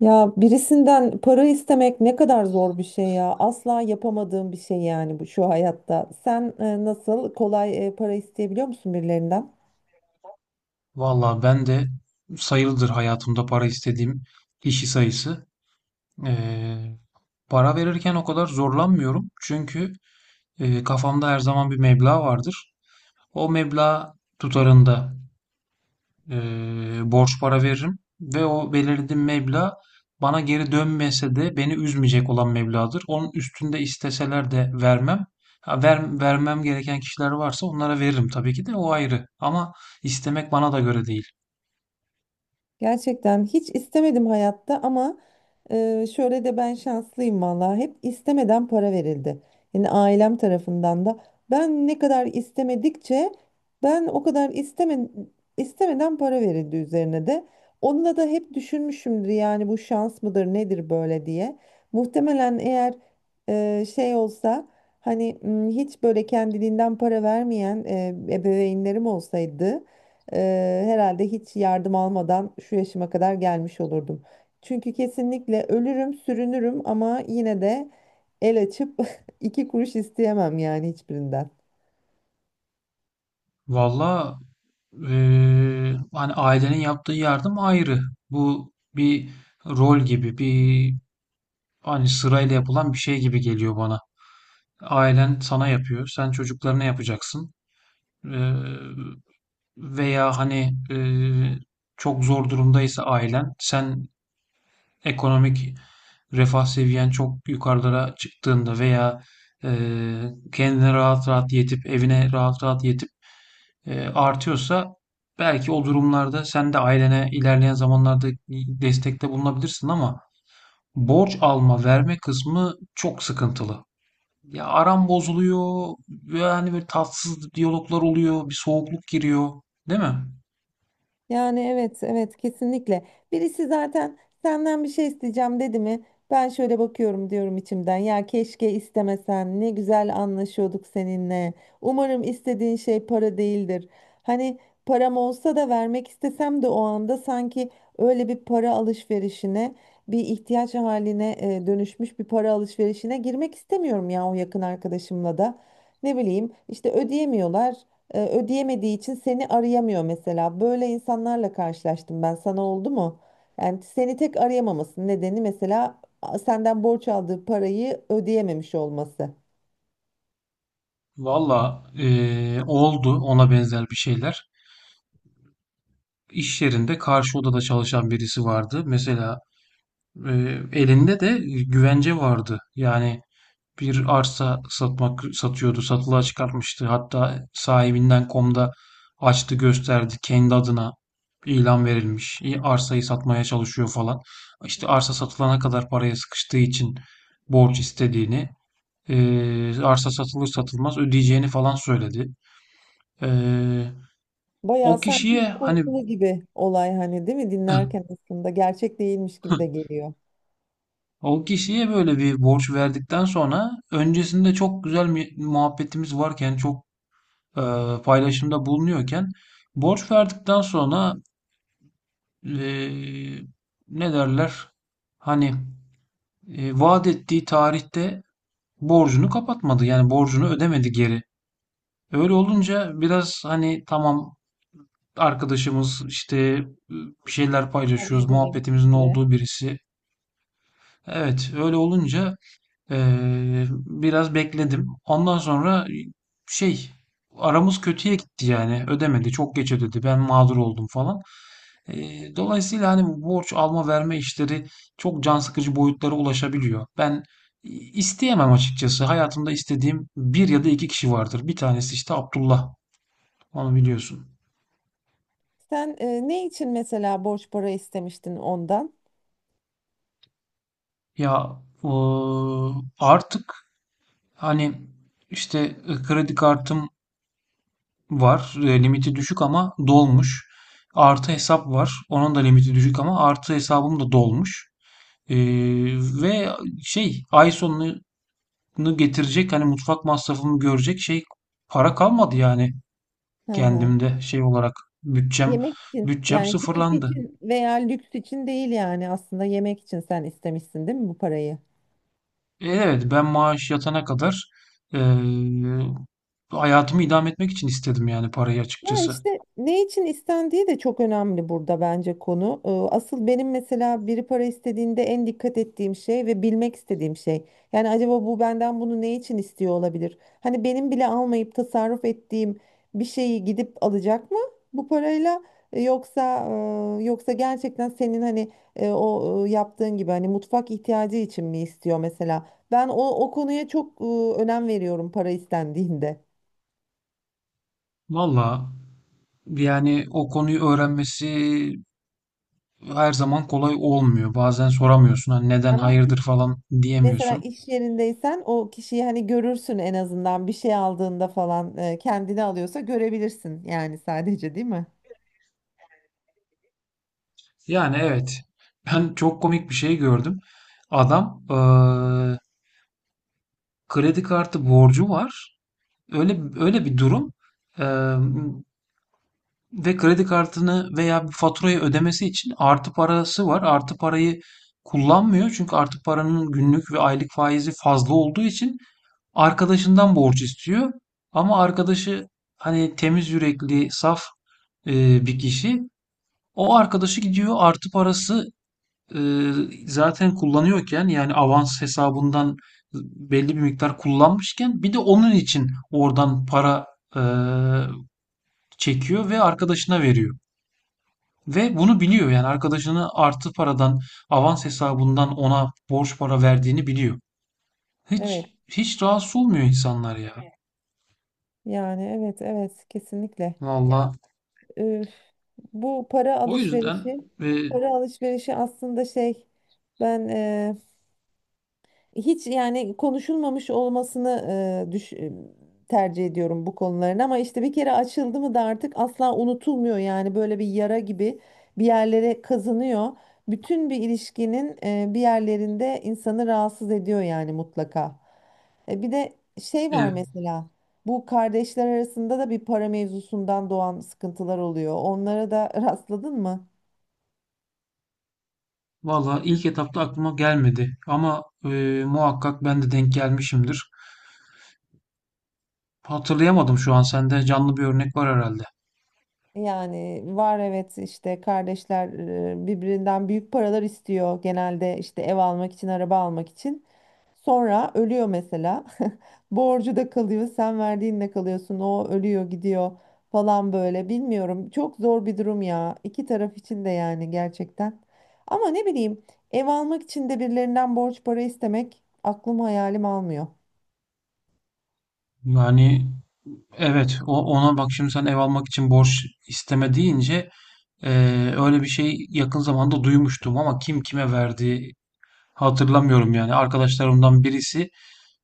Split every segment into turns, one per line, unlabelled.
Ya birisinden para istemek ne kadar zor bir şey ya. Asla yapamadığım bir şey yani bu şu hayatta. Sen nasıl kolay para isteyebiliyor musun birilerinden?
Valla ben de sayılıdır hayatımda para istediğim kişi sayısı. Ee, Para verirken o kadar zorlanmıyorum. Çünkü kafamda her zaman bir meblağ vardır. O meblağ tutarında e, borç para veririm. Ve o belirlediğim meblağ bana geri dönmese de beni üzmeyecek olan meblağdır. Onun üstünde isteseler de vermem. Ha, vermem gereken kişiler varsa onlara veririm, tabii ki de, o ayrı. Ama istemek bana da göre değil.
Gerçekten hiç istemedim hayatta ama şöyle de ben şanslıyım vallahi hep istemeden para verildi. Yani ailem tarafından da ben ne kadar istemedikçe ben o kadar istemeden para verildi üzerine de. Onunla da hep düşünmüşümdür yani bu şans mıdır nedir böyle diye. Muhtemelen eğer şey olsa hani hiç böyle kendiliğinden para vermeyen ebeveynlerim olsaydı. Herhalde hiç yardım almadan şu yaşıma kadar gelmiş olurdum. Çünkü kesinlikle ölürüm, sürünürüm ama yine de el açıp iki kuruş isteyemem yani hiçbirinden.
Valla, hani ailenin yaptığı yardım ayrı. Bu bir rol gibi, bir, hani sırayla yapılan bir şey gibi geliyor bana. Ailen sana yapıyor, sen çocuklarına yapacaksın. Eee, Veya hani, çok zor durumdaysa ailen, sen ekonomik refah seviyen çok yukarılara çıktığında veya kendine rahat rahat yetip, evine rahat rahat yetip artıyorsa belki o durumlarda sen de ailene ilerleyen zamanlarda destekte bulunabilirsin. Ama borç alma verme kısmı çok sıkıntılı. Ya aram bozuluyor, yani böyle tatsız diyaloglar oluyor, bir soğukluk giriyor, değil mi?
Yani evet evet kesinlikle. Birisi zaten senden bir şey isteyeceğim dedi mi? Ben şöyle bakıyorum diyorum içimden. Ya keşke istemesen. Ne güzel anlaşıyorduk seninle. Umarım istediğin şey para değildir. Hani param olsa da vermek istesem de o anda sanki öyle bir para alışverişine, bir ihtiyaç haline dönüşmüş bir para alışverişine girmek istemiyorum ya o yakın arkadaşımla da. Ne bileyim işte ödeyemiyorlar ödeyemediği için seni arayamıyor mesela. Böyle insanlarla karşılaştım ben. Sana oldu mu? Yani seni tek arayamamasının nedeni mesela senden borç aldığı parayı ödeyememiş olması.
Valla, oldu ona benzer bir şeyler. İş yerinde karşı odada çalışan birisi vardı. Mesela e, elinde de güvence vardı. Yani bir arsa satıyordu. Satılığa çıkartmıştı. Hatta sahibinden komda açtı gösterdi, kendi adına ilan verilmiş. İyi, arsayı satmaya çalışıyor falan. İşte arsa satılana kadar paraya sıkıştığı için borç istediğini, arsa satılır satılmaz ödeyeceğini falan söyledi. Eee,
Bayağı
O
sanki
kişiye hani
kurgulu gibi olay hani değil mi? Dinlerken aslında gerçek değilmiş gibi de geliyor.
o kişiye böyle bir borç verdikten sonra, öncesinde çok güzel muhabbetimiz varken, çok e, paylaşımda bulunuyorken, borç verdikten sonra, e, ne derler? Hani vaat ettiği tarihte borcunu kapatmadı. Yani borcunu ödemedi geri. Öyle olunca biraz, hani tamam, arkadaşımız işte, bir şeyler
Araya
paylaşıyoruz,
edelim.
muhabbetimizin
Süre.
olduğu birisi. Evet, öyle olunca biraz bekledim. Ondan sonra şey aramız kötüye gitti yani. Ödemedi, çok geç ödedi. Ben mağdur oldum falan. Dolayısıyla hani bu borç alma verme işleri çok can sıkıcı boyutlara ulaşabiliyor. Ben isteyemem açıkçası. Hayatımda istediğim bir ya da iki kişi vardır. Bir tanesi işte Abdullah. Onu biliyorsun.
Sen ne için mesela borç para istemiştin ondan?
Ya o, artık hani işte kredi kartım var. E, limiti düşük ama dolmuş. Artı hesap var. Onun da limiti düşük, ama artı hesabım da dolmuş. Ee, Ve ay sonunu bunu getirecek, hani mutfak masrafımı görecek para kalmadı yani
Hı hı.
kendimde olarak bütçem
Yemek için
bütçem
yani keyif
sıfırlandı.
için veya lüks için değil yani aslında yemek için sen istemişsin değil mi bu parayı?
E, evet, ben maaş yatana kadar eee, hayatımı idame etmek için istedim yani parayı
Ya
açıkçası.
işte ne için istendiği de çok önemli burada bence konu. Asıl benim mesela biri para istediğinde en dikkat ettiğim şey ve bilmek istediğim şey. Yani acaba bu benden bunu ne için istiyor olabilir? Hani benim bile almayıp tasarruf ettiğim bir şeyi gidip alacak mı bu parayla? Yoksa gerçekten senin hani o yaptığın gibi hani mutfak ihtiyacı için mi istiyor mesela? Ben o konuya çok önem veriyorum para istendiğinde.
Valla yani o konuyu öğrenmesi her zaman kolay olmuyor. Bazen soramıyorsun. Hani neden
Ama
hayırdır falan
mesela
diyemiyorsun.
iş yerindeysen o kişiyi hani görürsün en azından bir şey aldığında falan kendini alıyorsa görebilirsin yani sadece değil mi?
Yani evet. Ben çok komik bir şey gördüm. Adam kredi kartı borcu var. Öyle öyle bir durum. Eee, Ve kredi kartını veya bir faturayı ödemesi için artı parası var. Artı parayı kullanmıyor. Çünkü artı paranın günlük ve aylık faizi fazla olduğu için arkadaşından borç istiyor. Ama arkadaşı hani temiz yürekli, saf bir kişi. O arkadaşı gidiyor, artı parası e, zaten kullanıyorken, yani avans hesabından belli bir miktar kullanmışken, bir de onun için oradan para e, çekiyor ve arkadaşına veriyor. Ve bunu biliyor, yani arkadaşını artı paradan avans hesabından ona borç para verdiğini biliyor. Hiç
Evet
hiç rahatsız olmuyor insanlar ya. Evet.
yani evet evet kesinlikle.
Valla,
Üf, bu para
o yüzden,
alışverişi
e,
para alışverişi aslında şey ben hiç yani konuşulmamış olmasını e, düş- e, tercih ediyorum bu konuların ama işte bir kere açıldı mı da artık asla unutulmuyor yani böyle bir yara gibi bir yerlere kazınıyor. Bütün bir ilişkinin bir yerlerinde insanı rahatsız ediyor yani mutlaka. Bir de şey var
e,
mesela bu kardeşler arasında da bir para mevzusundan doğan sıkıntılar oluyor. Onlara da rastladın mı?
valla ilk etapta aklıma gelmedi ama muhakkak ben de denk gelmişimdir. Hatırlayamadım şu an, sende canlı bir örnek var herhalde.
Yani var evet işte kardeşler birbirinden büyük paralar istiyor genelde işte ev almak için araba almak için. Sonra ölüyor mesela. Borcu da kalıyor sen verdiğinle kalıyorsun o ölüyor gidiyor falan böyle bilmiyorum. Çok zor bir durum ya iki taraf için de yani gerçekten. Ama ne bileyim ev almak için de birilerinden borç para istemek aklım hayalim almıyor.
Yani evet, o, ona bak, şimdi sen ev almak için borç isteme deyince öyle bir şey yakın zamanda duymuştum ama kim kime verdi hatırlamıyorum yani. Arkadaşlarımdan birisi,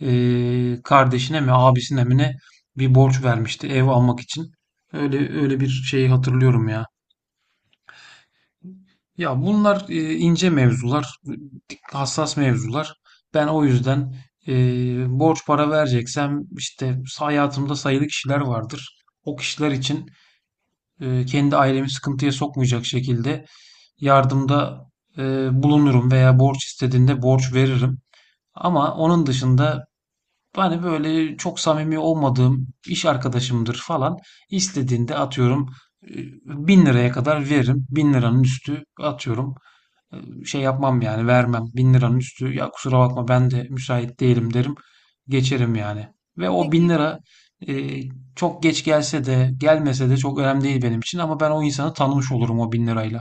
kardeşine mi abisine mi ne, bir borç vermişti ev almak için. Öyle öyle bir şeyi hatırlıyorum ya. Ya bunlar ince mevzular, hassas mevzular. Ben o yüzden borç para vereceksem işte hayatımda sayılı kişiler vardır. O kişiler için kendi ailemi sıkıntıya sokmayacak şekilde yardımda bulunurum veya borç istediğinde borç veririm. Ama onun dışında, hani böyle çok samimi olmadığım iş arkadaşımdır falan, İstediğinde atıyorum e, 1.000 liraya kadar veririm. 1.000 liranın üstü, atıyorum, şey yapmam yani vermem. 1.000 liranın üstü, ya kusura bakma ben de müsait değilim, derim. Geçerim yani. Ve o bin
Peki,
lira e, çok geç gelse de gelmese de çok önemli değil benim için. Ama ben o insanı tanımış olurum o 1.000 lirayla.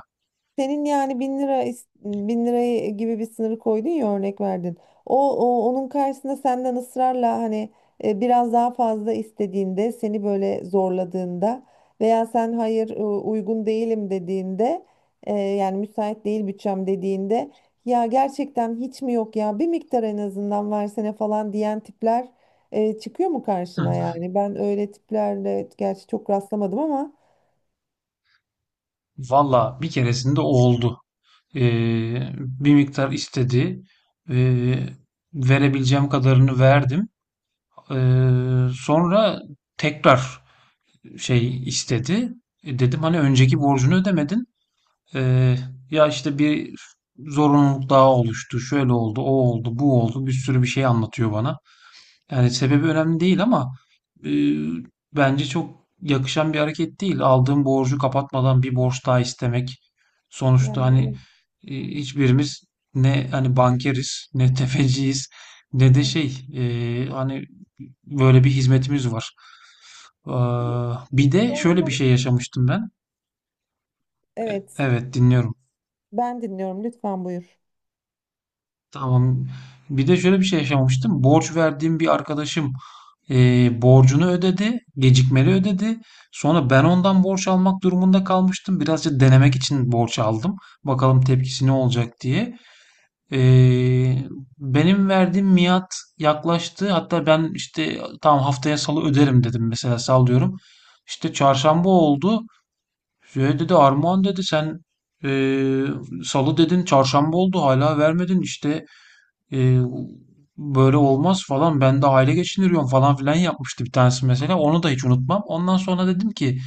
senin yani 1.000 lirayı gibi bir sınırı koydun ya örnek verdin. O onun karşısında senden ısrarla hani biraz daha fazla istediğinde seni böyle zorladığında veya sen hayır uygun değilim dediğinde yani müsait değil bütçem dediğinde ya gerçekten hiç mi yok ya bir miktar en azından versene falan diyen tipler çıkıyor mu karşına yani? Ben öyle tiplerle gerçi çok rastlamadım ama
Valla, bir keresinde o oldu. Bir miktar istedi. Ee, Verebileceğim kadarını verdim. Sonra tekrar istedi. E, dedim, hani önceki borcunu ödemedin. Ee, Ya işte bir zorunluluk daha oluştu, şöyle oldu, o oldu, bu oldu, bir sürü bir şey anlatıyor bana. Yani sebebi önemli değil ama e, bence çok yakışan bir hareket değil. Aldığım borcu kapatmadan bir borç daha istemek. Sonuçta
yani
hani
evet.
hiçbirimiz ne hani bankeriz, ne tefeciyiz, ne de şey, hani böyle bir hizmetimiz var. Ee,
Şu
Bir de
son
şöyle bir
zaman-
şey yaşamıştım ben.
Evet.
Evet, dinliyorum.
Ben dinliyorum lütfen buyur.
Tamam. Bir de şöyle bir şey yaşamıştım. Borç verdiğim bir arkadaşım borcunu ödedi, gecikmeli ödedi. Sonra ben ondan borç almak durumunda kalmıştım. Birazcık denemek için borç aldım. Bakalım tepkisi ne olacak diye. Eee, Benim verdiğim miat yaklaştı. Hatta ben işte tam haftaya salı öderim dedim, mesela sallıyorum. İşte çarşamba oldu. Şey dedi, Armağan dedi, sen eee, salı dedin, çarşamba oldu, hala vermedin işte. Ee, Böyle olmaz falan, ben de aile geçindiriyorum falan filan yapmıştı bir tanesi, mesela onu da hiç unutmam. Ondan sonra dedim ki,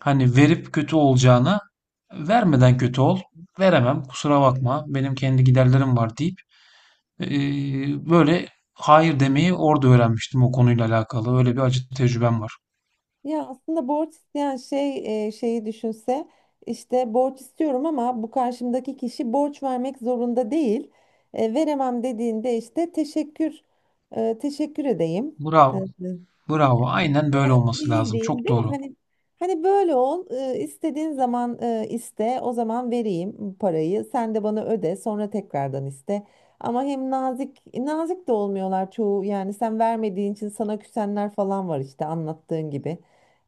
hani verip kötü olacağına vermeden kötü ol, veremem kusura bakma benim kendi giderlerim var deyip, böyle hayır demeyi orada öğrenmiştim. O konuyla alakalı öyle bir acı tecrübem var.
Ya aslında borç isteyen şeyi düşünse işte borç istiyorum ama bu karşımdaki kişi borç vermek zorunda değil. Veremem dediğinde işte teşekkür edeyim. E,
Bravo, bravo, aynen, böyle
Önemli
olması
değil
lazım,
diyeyim
çok
değil mi?
doğru.
Hani böyle istediğin zaman iste o zaman vereyim parayı sen de bana öde sonra tekrardan iste. Ama hem nazik nazik de olmuyorlar çoğu yani sen vermediğin için sana küsenler falan var işte anlattığın gibi.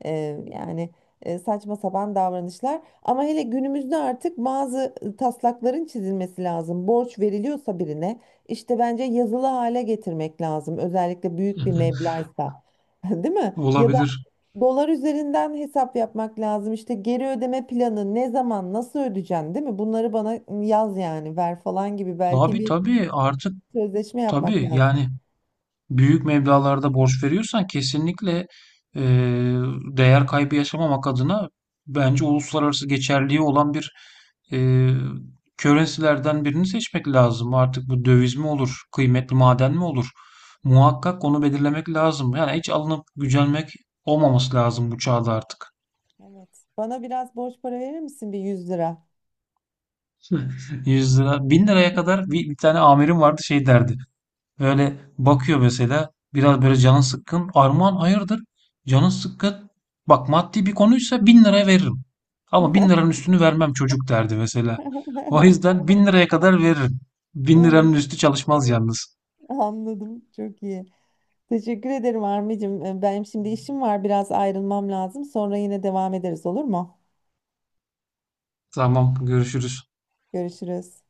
E, Yani saçma sapan davranışlar ama hele günümüzde artık bazı taslakların çizilmesi lazım. Borç veriliyorsa birine işte bence yazılı hale getirmek lazım özellikle büyük bir meblağsa. Değil mi? Ya da
Olabilir.
dolar üzerinden hesap yapmak lazım. İşte geri ödeme planı ne zaman nasıl ödeyeceksin değil mi? Bunları bana yaz yani ver falan gibi belki
Abi
bir
tabii, artık
sözleşme yapmak
tabii
lazım.
yani büyük meblağlarda borç veriyorsan kesinlikle eee, değer kaybı yaşamamak adına, bence uluslararası geçerliği olan bir eee currency'lerden birini seçmek lazım. Artık bu döviz mi olur, kıymetli maden mi olur? Muhakkak onu belirlemek lazım. Yani hiç alınıp gücenmek olmaması lazım bu çağda artık.
Evet. Bana biraz borç para verir misin bir 100 lira?
100 lira, 1.000 liraya kadar, bir tane amirim vardı, şey derdi. Böyle bakıyor mesela, biraz böyle canın sıkkın. Armağan, hayırdır? Canın sıkkın. Bak, maddi bir konuysa 1.000 lira veririm. Ama bin liranın üstünü vermem çocuk, derdi mesela. O yüzden 1.000 liraya kadar veririm. Bin liranın
Evet,
üstü çalışmaz yalnız.
anladım. Çok iyi. Teşekkür ederim Armi'cim. Benim şimdi işim var. Biraz ayrılmam lazım. Sonra yine devam ederiz olur mu?
Tamam, görüşürüz.
Görüşürüz.